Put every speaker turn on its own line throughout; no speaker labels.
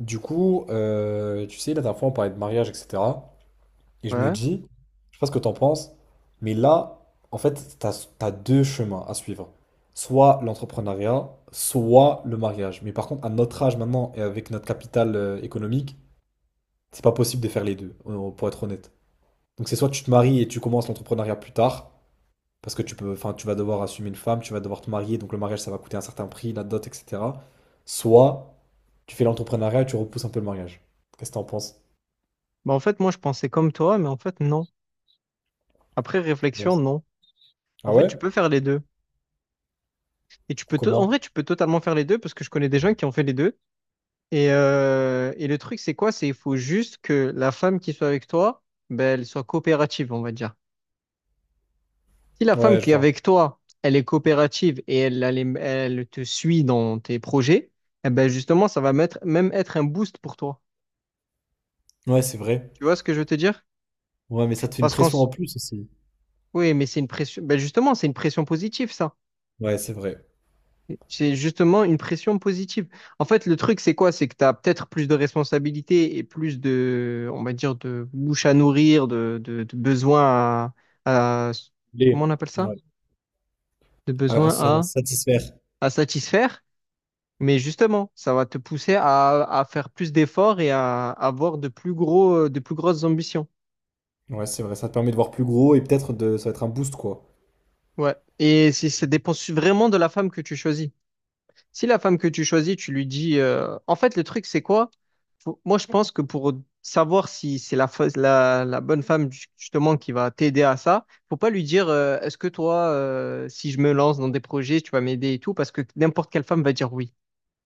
Du coup, tu sais, la dernière fois, on parlait de mariage, etc. Et je me
Ouais.
dis, je sais pas ce que t'en penses, mais là, en fait, t'as deux chemins à suivre. Soit l'entrepreneuriat, soit le mariage. Mais par contre, à notre âge maintenant et avec notre capital économique, c'est pas possible de faire les deux, pour être honnête. Donc c'est soit tu te maries et tu commences l'entrepreneuriat plus tard, parce que tu peux, enfin, tu vas devoir assumer une femme, tu vas devoir te marier, donc le mariage, ça va coûter un certain prix, la dot, etc. Soit tu fais l'entrepreneuriat et tu repousses un peu le mariage. Qu'est-ce que t'en penses?
Bah, en fait, moi, je pensais comme toi, mais en fait, non. Après
Ouais,
réflexion, non. En
ah
fait,
ouais?
tu peux faire les deux. Et tu peux en
Comment?
vrai, tu peux totalement faire les deux parce que je connais des gens qui ont fait les deux. Et le truc, c'est quoi? C'est il faut juste que la femme qui soit avec toi, ben, elle soit coopérative, on va dire. Si la femme
Ouais, je
qui est
vois.
avec toi, elle est coopérative et elle te suit dans tes projets, eh ben, justement, ça va mettre, même être un boost pour toi.
Ouais, c'est vrai.
Tu vois ce que je veux te dire?
Ouais, mais ça te fait une
Parce
pression en plus aussi.
Oui, mais c'est une pression. Ben, justement, c'est une pression positive, ça.
Ouais, c'est vrai.
C'est justement une pression positive. En fait, le truc, c'est quoi? C'est que tu as peut-être plus de responsabilités et plus de, on va dire, de bouche à nourrir, de besoins à, à- comment
Les.
on appelle ça?
Ouais.
De
À
besoins
satisfaire.
à satisfaire. Mais justement, ça va te pousser à faire plus d'efforts et à avoir de plus gros, de plus grosses ambitions.
Ouais, c'est vrai. Ça te permet de voir plus gros et peut-être de, ça va être un boost, quoi.
Ouais. Ça dépend vraiment de la femme que tu choisis. Si la femme que tu choisis, tu lui dis... En fait, le truc, c'est quoi? Moi, je pense que pour savoir si c'est la bonne femme, justement, qui va t'aider à ça, faut pas lui dire, est-ce que toi, si je me lance dans des projets, tu vas m'aider et tout, parce que n'importe quelle femme va dire oui.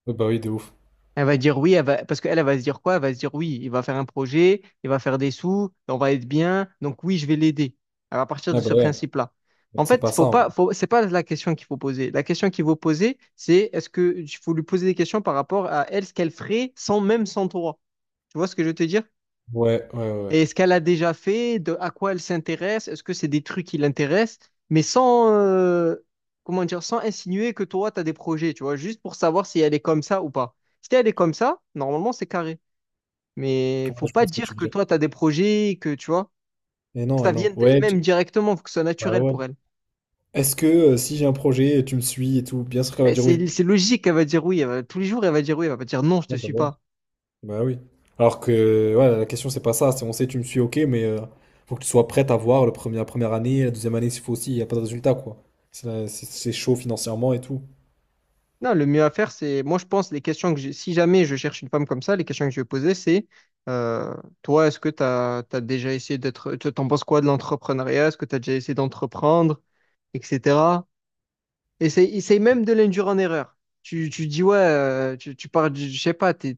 Ouais, bah oui, de ouf.
Elle va dire oui, elle va... parce qu'elle, elle va se dire quoi? Elle va se dire oui, il va faire un projet, il va faire des sous, on va être bien, donc oui, je vais l'aider. Elle va partir de
Ouais, bah
ce
ouais.
principe-là. En
C'est
fait,
pas ça, en vrai.
faut... c'est pas la question qu'il faut poser. La question qu'il faut poser, c'est est-ce que il faut lui poser des questions par rapport à elle, ce qu'elle ferait sans même sans toi. Tu vois ce que je veux te dire?
Ouais, ouais, ouais.
Et est-ce qu'elle a déjà fait? De, à quoi elle s'intéresse? Est-ce que c'est des trucs qui l'intéressent? Mais sans, comment dire, sans insinuer que toi, tu as des projets, tu vois, juste pour savoir si elle est comme ça ou pas. Si elle est comme ça, normalement, c'est carré. Mais
Ouais,
faut
je
pas
vois ce que tu
dire
veux
que
dire.
toi, tu as des projets, que tu vois,
Et
que
non,
ça
et non.
vienne
Ouais.
d'elle-même directement, faut que ce soit
Bah
naturel
ouais.
pour elle.
Est-ce que si j'ai un projet, tu me suis et tout, bien sûr qu'elle va
Mais
dire oui.
c'est logique, elle va dire oui, tous les jours, elle va dire oui, elle va pas dire non, je te suis
Ouais.
pas.
Bah oui. Alors que ouais, la question c'est pas ça, c'est on sait tu me suis, ok, mais faut que tu sois prête à voir le premier, la première année, la deuxième année s'il faut aussi, il n'y a pas de résultat, quoi. C'est chaud financièrement et tout.
Non, le mieux à faire, c'est, moi je pense, les questions que j'ai, si jamais je cherche une femme comme ça, les questions que je vais poser, c'est, euh, toi, est-ce que tu as, déjà essayé d'être, t'en penses quoi de l'entrepreneuriat? Est-ce que tu as déjà essayé d'entreprendre, etc. Essaye, essaye même de l'induire en erreur. Tu dis, ouais, tu parles, je sais pas, t'es-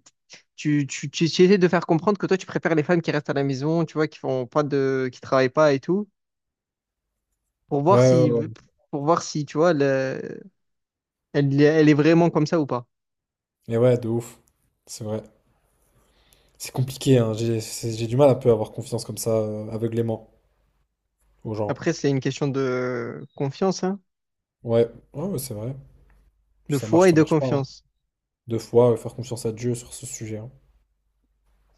tu, tu, tu, tu essaies de faire comprendre que toi, tu préfères les femmes qui restent à la maison, tu vois, qui font pas de, qui travaillent pas et tout, pour
Ouais,
voir
ouais,
si,
ouais.
pour voir si, tu vois, elle, elle est vraiment comme ça ou pas.
Et ouais, de ouf. C'est vrai. C'est compliqué, hein. J'ai du mal un peu à avoir confiance comme ça, aveuglément aux gens.
Après, c'est une question de confiance, hein,
Ouais, ouais, ouais, c'est vrai. Puis
de foi et
ça
de
marche pas, hein.
confiance.
Deux fois, faire confiance à Dieu sur ce sujet, hein.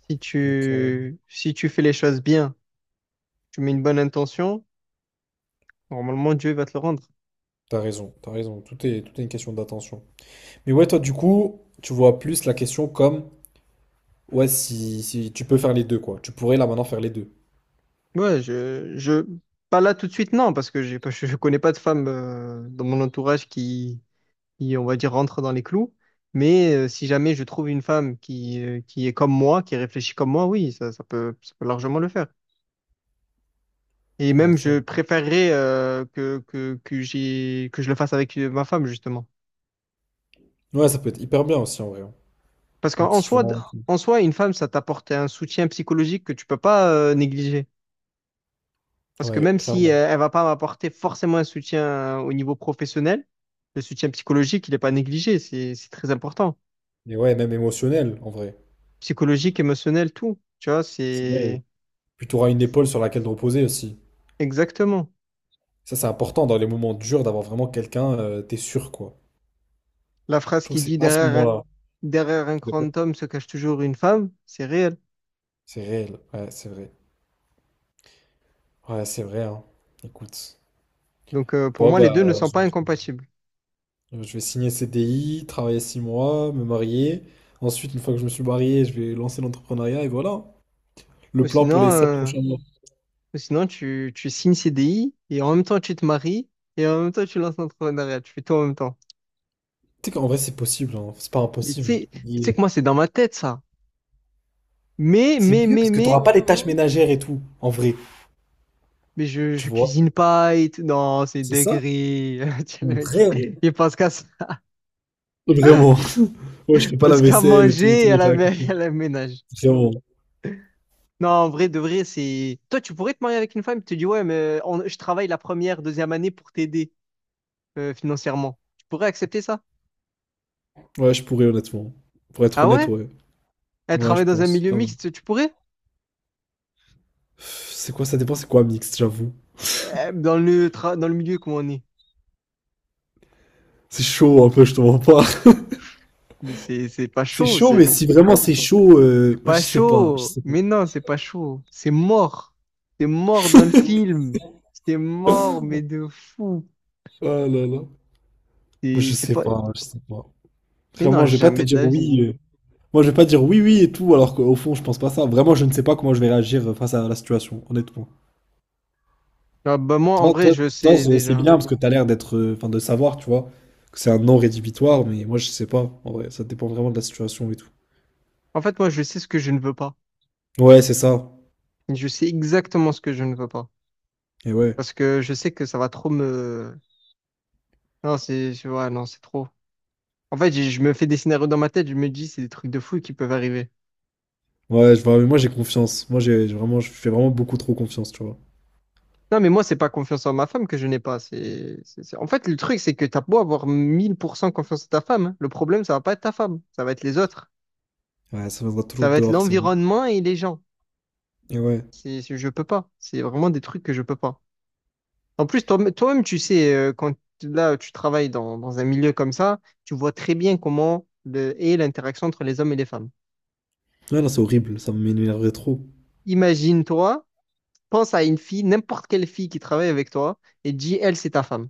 Si
Donc
si tu fais les choses bien, tu mets une bonne intention, normalement Dieu va te le rendre.
t'as raison, t'as raison. Tout est une question d'attention. Mais ouais, toi du coup, tu vois plus la question comme. Ouais, si, si tu peux faire les deux, quoi. Tu pourrais là maintenant faire les deux.
Ouais, pas là tout de suite, non, parce que j'ai pas, je connais pas de femme dans mon entourage qui, on va dire, rentre dans les clous. Mais si jamais je trouve une femme qui est comme moi, qui réfléchit comme moi, oui, ça peut largement le faire. Et
Ouais,
même,
c'est vrai.
je préférerais que j'ai, que je le fasse avec ma femme, justement.
Ouais, ça peut être hyper bien aussi en vrai, hein.
Parce qu'en soi,
Motivant, et tout.
en soi, une femme, ça t'apporte un soutien psychologique que tu peux pas négliger. Parce que
Ouais,
même si
clairement.
elle va pas m'apporter forcément un soutien au niveau professionnel, le soutien psychologique, il n'est pas négligé. C'est très important.
Et ouais, même émotionnel en vrai.
Psychologique, émotionnel, tout. Tu vois,
C'est
c'est
bien. Puis tu auras une épaule sur laquelle te reposer aussi.
exactement.
Ça, c'est important dans les moments durs d'avoir vraiment quelqu'un, t'es sûr, quoi.
La
Je
phrase
trouve
qui
que
dit
c'est à ce
derrière,
moment-là.
derrière un
D'accord.
grand homme se cache toujours une femme, c'est réel.
C'est réel. Ouais, c'est vrai. Ouais, c'est vrai, hein. Écoute.
Donc pour
Bon,
moi, les
bah,
deux ne sont pas incompatibles.
je vais signer CDI, travailler 6 mois, me marier. Ensuite, une fois que je me suis marié, je vais lancer l'entrepreneuriat et voilà. Le plan pour
Sinon,
les 7
euh,
prochains mois.
Ou sinon, tu signes CDI et en même temps, tu te maries et en même temps, tu lances l'entrepreneuriat. Tu fais tout en même temps.
Tu sais qu'en vrai, c'est possible, hein. C'est pas
Mais
impossible.
tu sais
Il-
que moi, c'est dans ma tête, ça. Mais,
C'est
mais,
mieux
mais,
parce que t'auras
mais,
pas les tâches ménagères et tout, en vrai.
mais
Tu
je
vois?
cuisine pas et tout. Non, c'est
C'est ça?
dinguerie. Tu sais, le
Mon
mec,
rêve.
Il pense qu'à se-
Vraiment. Ouais, je fais pas la
pense qu'à
vaisselle et tout,
manger
tous
et à
mes caractères.
à la ménage.
Vraiment.
Non, en vrai, de vrai, c'est. Toi, tu pourrais te marier avec une femme tu te dit ouais, mais je travaille la première, deuxième année pour t'aider financièrement. Tu pourrais accepter ça?
Ouais, je pourrais, honnêtement. Pour être
Ah
honnête,
ouais?
ouais.
Elle
Ouais, je
travaille dans un
pense.
milieu
Vraiment.
mixte, tu pourrais?
C'est quoi, ça dépend, c'est quoi mixte, j'avoue.
Dans le dans le milieu comment on est.
C'est chaud un peu, je te mens pas.
Mais c'est pas
C'est
chaud,
chaud, mais si vraiment c'est chaud,
c'est
je
pas
sais pas, je
chaud.
sais pas.
Mais non, c'est pas chaud. C'est mort. C'est mort dans le film. C'est mort, mais de fou.
Oh là là. Moi, je
C'est
sais
pas.
pas, je sais pas.
Mais
Vraiment,
non,
je vais pas te
jamais de
dire
la vie.
oui, moi, je vais pas dire oui, oui et tout, alors qu'au fond, je pense pas ça. Vraiment, je ne sais pas comment je vais réagir face à la situation, honnêtement.
Ah, bah moi, en
Toi,
vrai,
toi,
je
toi,
sais
c'est
déjà.
bien parce que t'as l'air d'être, enfin, de savoir, tu vois, que c'est un non rédhibitoire, mais moi, je sais pas. En vrai, ça dépend vraiment de la situation et tout.
En fait, moi, je sais ce que je ne veux pas.
Ouais, c'est ça.
Je sais exactement ce que je ne veux pas.
Et ouais.
Parce que je sais que ça va trop me. Non, c'est. Ouais, non, c'est trop. En fait, je me fais des scénarios dans ma tête, je me dis, c'est des trucs de fou qui peuvent arriver.
Ouais, je vois, mais moi, j'ai confiance. Moi, j'ai vraiment, je fais vraiment beaucoup trop confiance, tu vois.
Non, mais moi, c'est pas confiance en ma femme que je n'ai pas. En fait, le truc, c'est que t'as beau avoir 1000% confiance en ta femme, hein. Le problème, ça va pas être ta femme. Ça va être les autres.
Ouais, ça viendra
Ça
toujours
va être
dehors, c'est.
l'environnement et les gens.
Et ouais.
Je peux pas. C'est vraiment des trucs que je peux pas. En plus, toi, toi-même, tu sais, quand là, tu travailles dans un milieu comme ça, tu vois très bien comment est l'interaction entre les hommes et les femmes.
Ouais, non, c'est horrible, ça m'énerverait trop.
Imagine-toi, pense à une fille, n'importe quelle fille qui travaille avec toi, et dis, elle, c'est ta femme.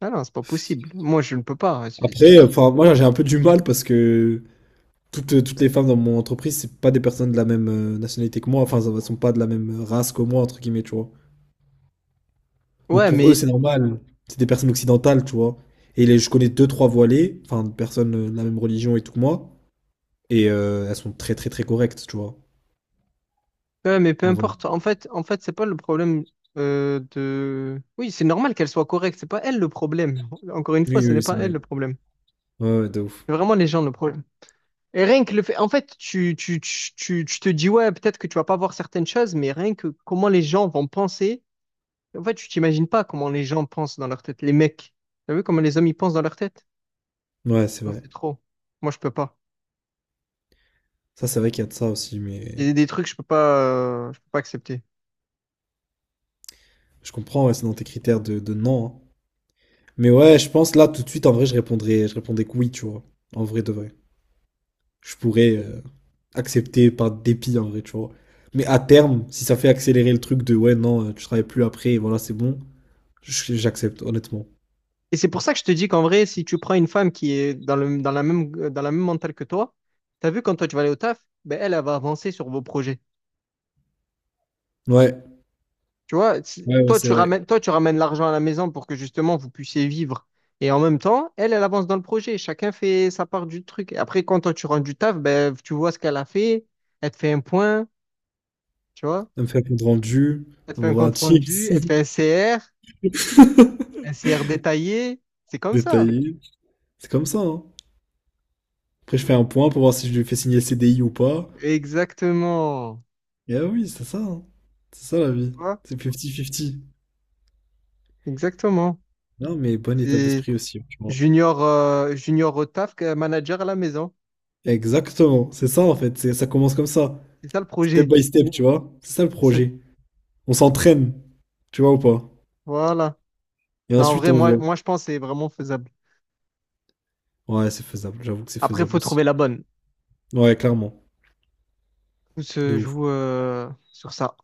Ah non, c'est pas possible. Moi, je ne peux pas.
Après, enfin, moi, j'ai un peu du mal parce que. Toutes les femmes dans mon entreprise, c'est pas des personnes de la même nationalité que moi, enfin, elles sont pas de la même race que moi, entre guillemets, tu vois. Donc
Ouais,
pour eux,
mais
c'est normal, c'est des personnes occidentales, tu vois. Et les, je connais deux, trois voilées, enfin, des personnes de la même religion et tout que moi, et elles sont très, très, très correctes, tu vois,
ouais, mais peu
en vrai.
importe. En fait, c'est pas le problème de. Oui, c'est normal qu'elle soit correcte. C'est pas elle le problème. Encore une fois,
Oui,
ce
oui,
n'est
oui, c'est
pas elle
vrai.
le problème.
Ouais, ouais, de ouf.
C'est vraiment les gens le problème. Et rien que le fait. En fait, tu te dis, ouais, peut-être que tu vas pas voir certaines choses, mais rien que comment les gens vont penser. En fait, tu t'imagines pas comment les gens pensent dans leur tête. Les mecs. T'as vu comment les hommes ils pensent dans leur tête?
Ouais, c'est
Non,
vrai.
c'est trop. Moi, je peux pas.
Ça, c'est vrai qu'il y a de ça aussi,
Il y
mais
a des trucs, je peux pas accepter.
je comprends, ouais, c'est dans tes critères de non, hein. Mais ouais, je pense là, tout de suite, en vrai, je répondrais que oui, tu vois, en vrai de vrai. Je pourrais accepter par dépit en vrai, tu vois. Mais à terme, si ça fait accélérer le truc de ouais, non, tu travailles plus après, et voilà, c'est bon, j'accepte, honnêtement.
Et c'est pour ça que je te dis qu'en vrai, si tu prends une femme qui est dans le, dans la même mentale que toi, t'as vu quand toi tu vas aller au taf, ben elle, elle va avancer sur vos projets.
Ouais,
Tu vois,
ouais, ouais, c'est vrai.
toi tu ramènes l'argent à la maison pour que justement vous puissiez vivre. Et en même temps, elle, elle avance dans le projet. Chacun fait sa part du truc. Et après, quand toi tu rentres du taf, ben tu vois ce qu'elle a fait. Elle te fait un point, tu vois.
Elle me fait un compte rendu,
Elle te
elle
fait un
m'envoie un
compte rendu,
chips
elle te fait un CR, un CR détaillé. C'est comme ça.
détaillé. C'est comme ça, hein. Après, je fais un point pour voir si je lui fais signer le CDI ou pas.
Exactement.
Et ah oui, c'est ça, hein. C'est ça la vie.
Tu vois?
C'est 50-50.
Exactement.
Non, mais bon état
C'est-
d'esprit aussi, tu vois.
Junior, junior au taf, manager à la maison.
Exactement, c'est ça en fait, c'est, ça commence comme ça.
C'est ça le
Step
projet.
by step, tu vois. C'est ça le
Ça.
projet. On s'entraîne, tu vois ou pas?
Voilà.
Et
Non, en
ensuite,
vrai,
on voit.
moi, je pense que c'est vraiment faisable.
Ouais, c'est faisable. J'avoue que c'est
Après, il
faisable
faut
aussi.
trouver la bonne.
Ouais, clairement.
Tout
De
se
ouf.
joue sur ça.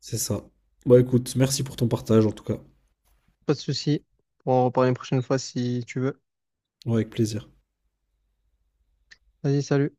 C'est ça. Bah écoute, merci pour ton partage en tout cas.
Pas de souci. On en reparler une prochaine fois si tu veux.
Ouais, avec plaisir.
Vas-y, salut.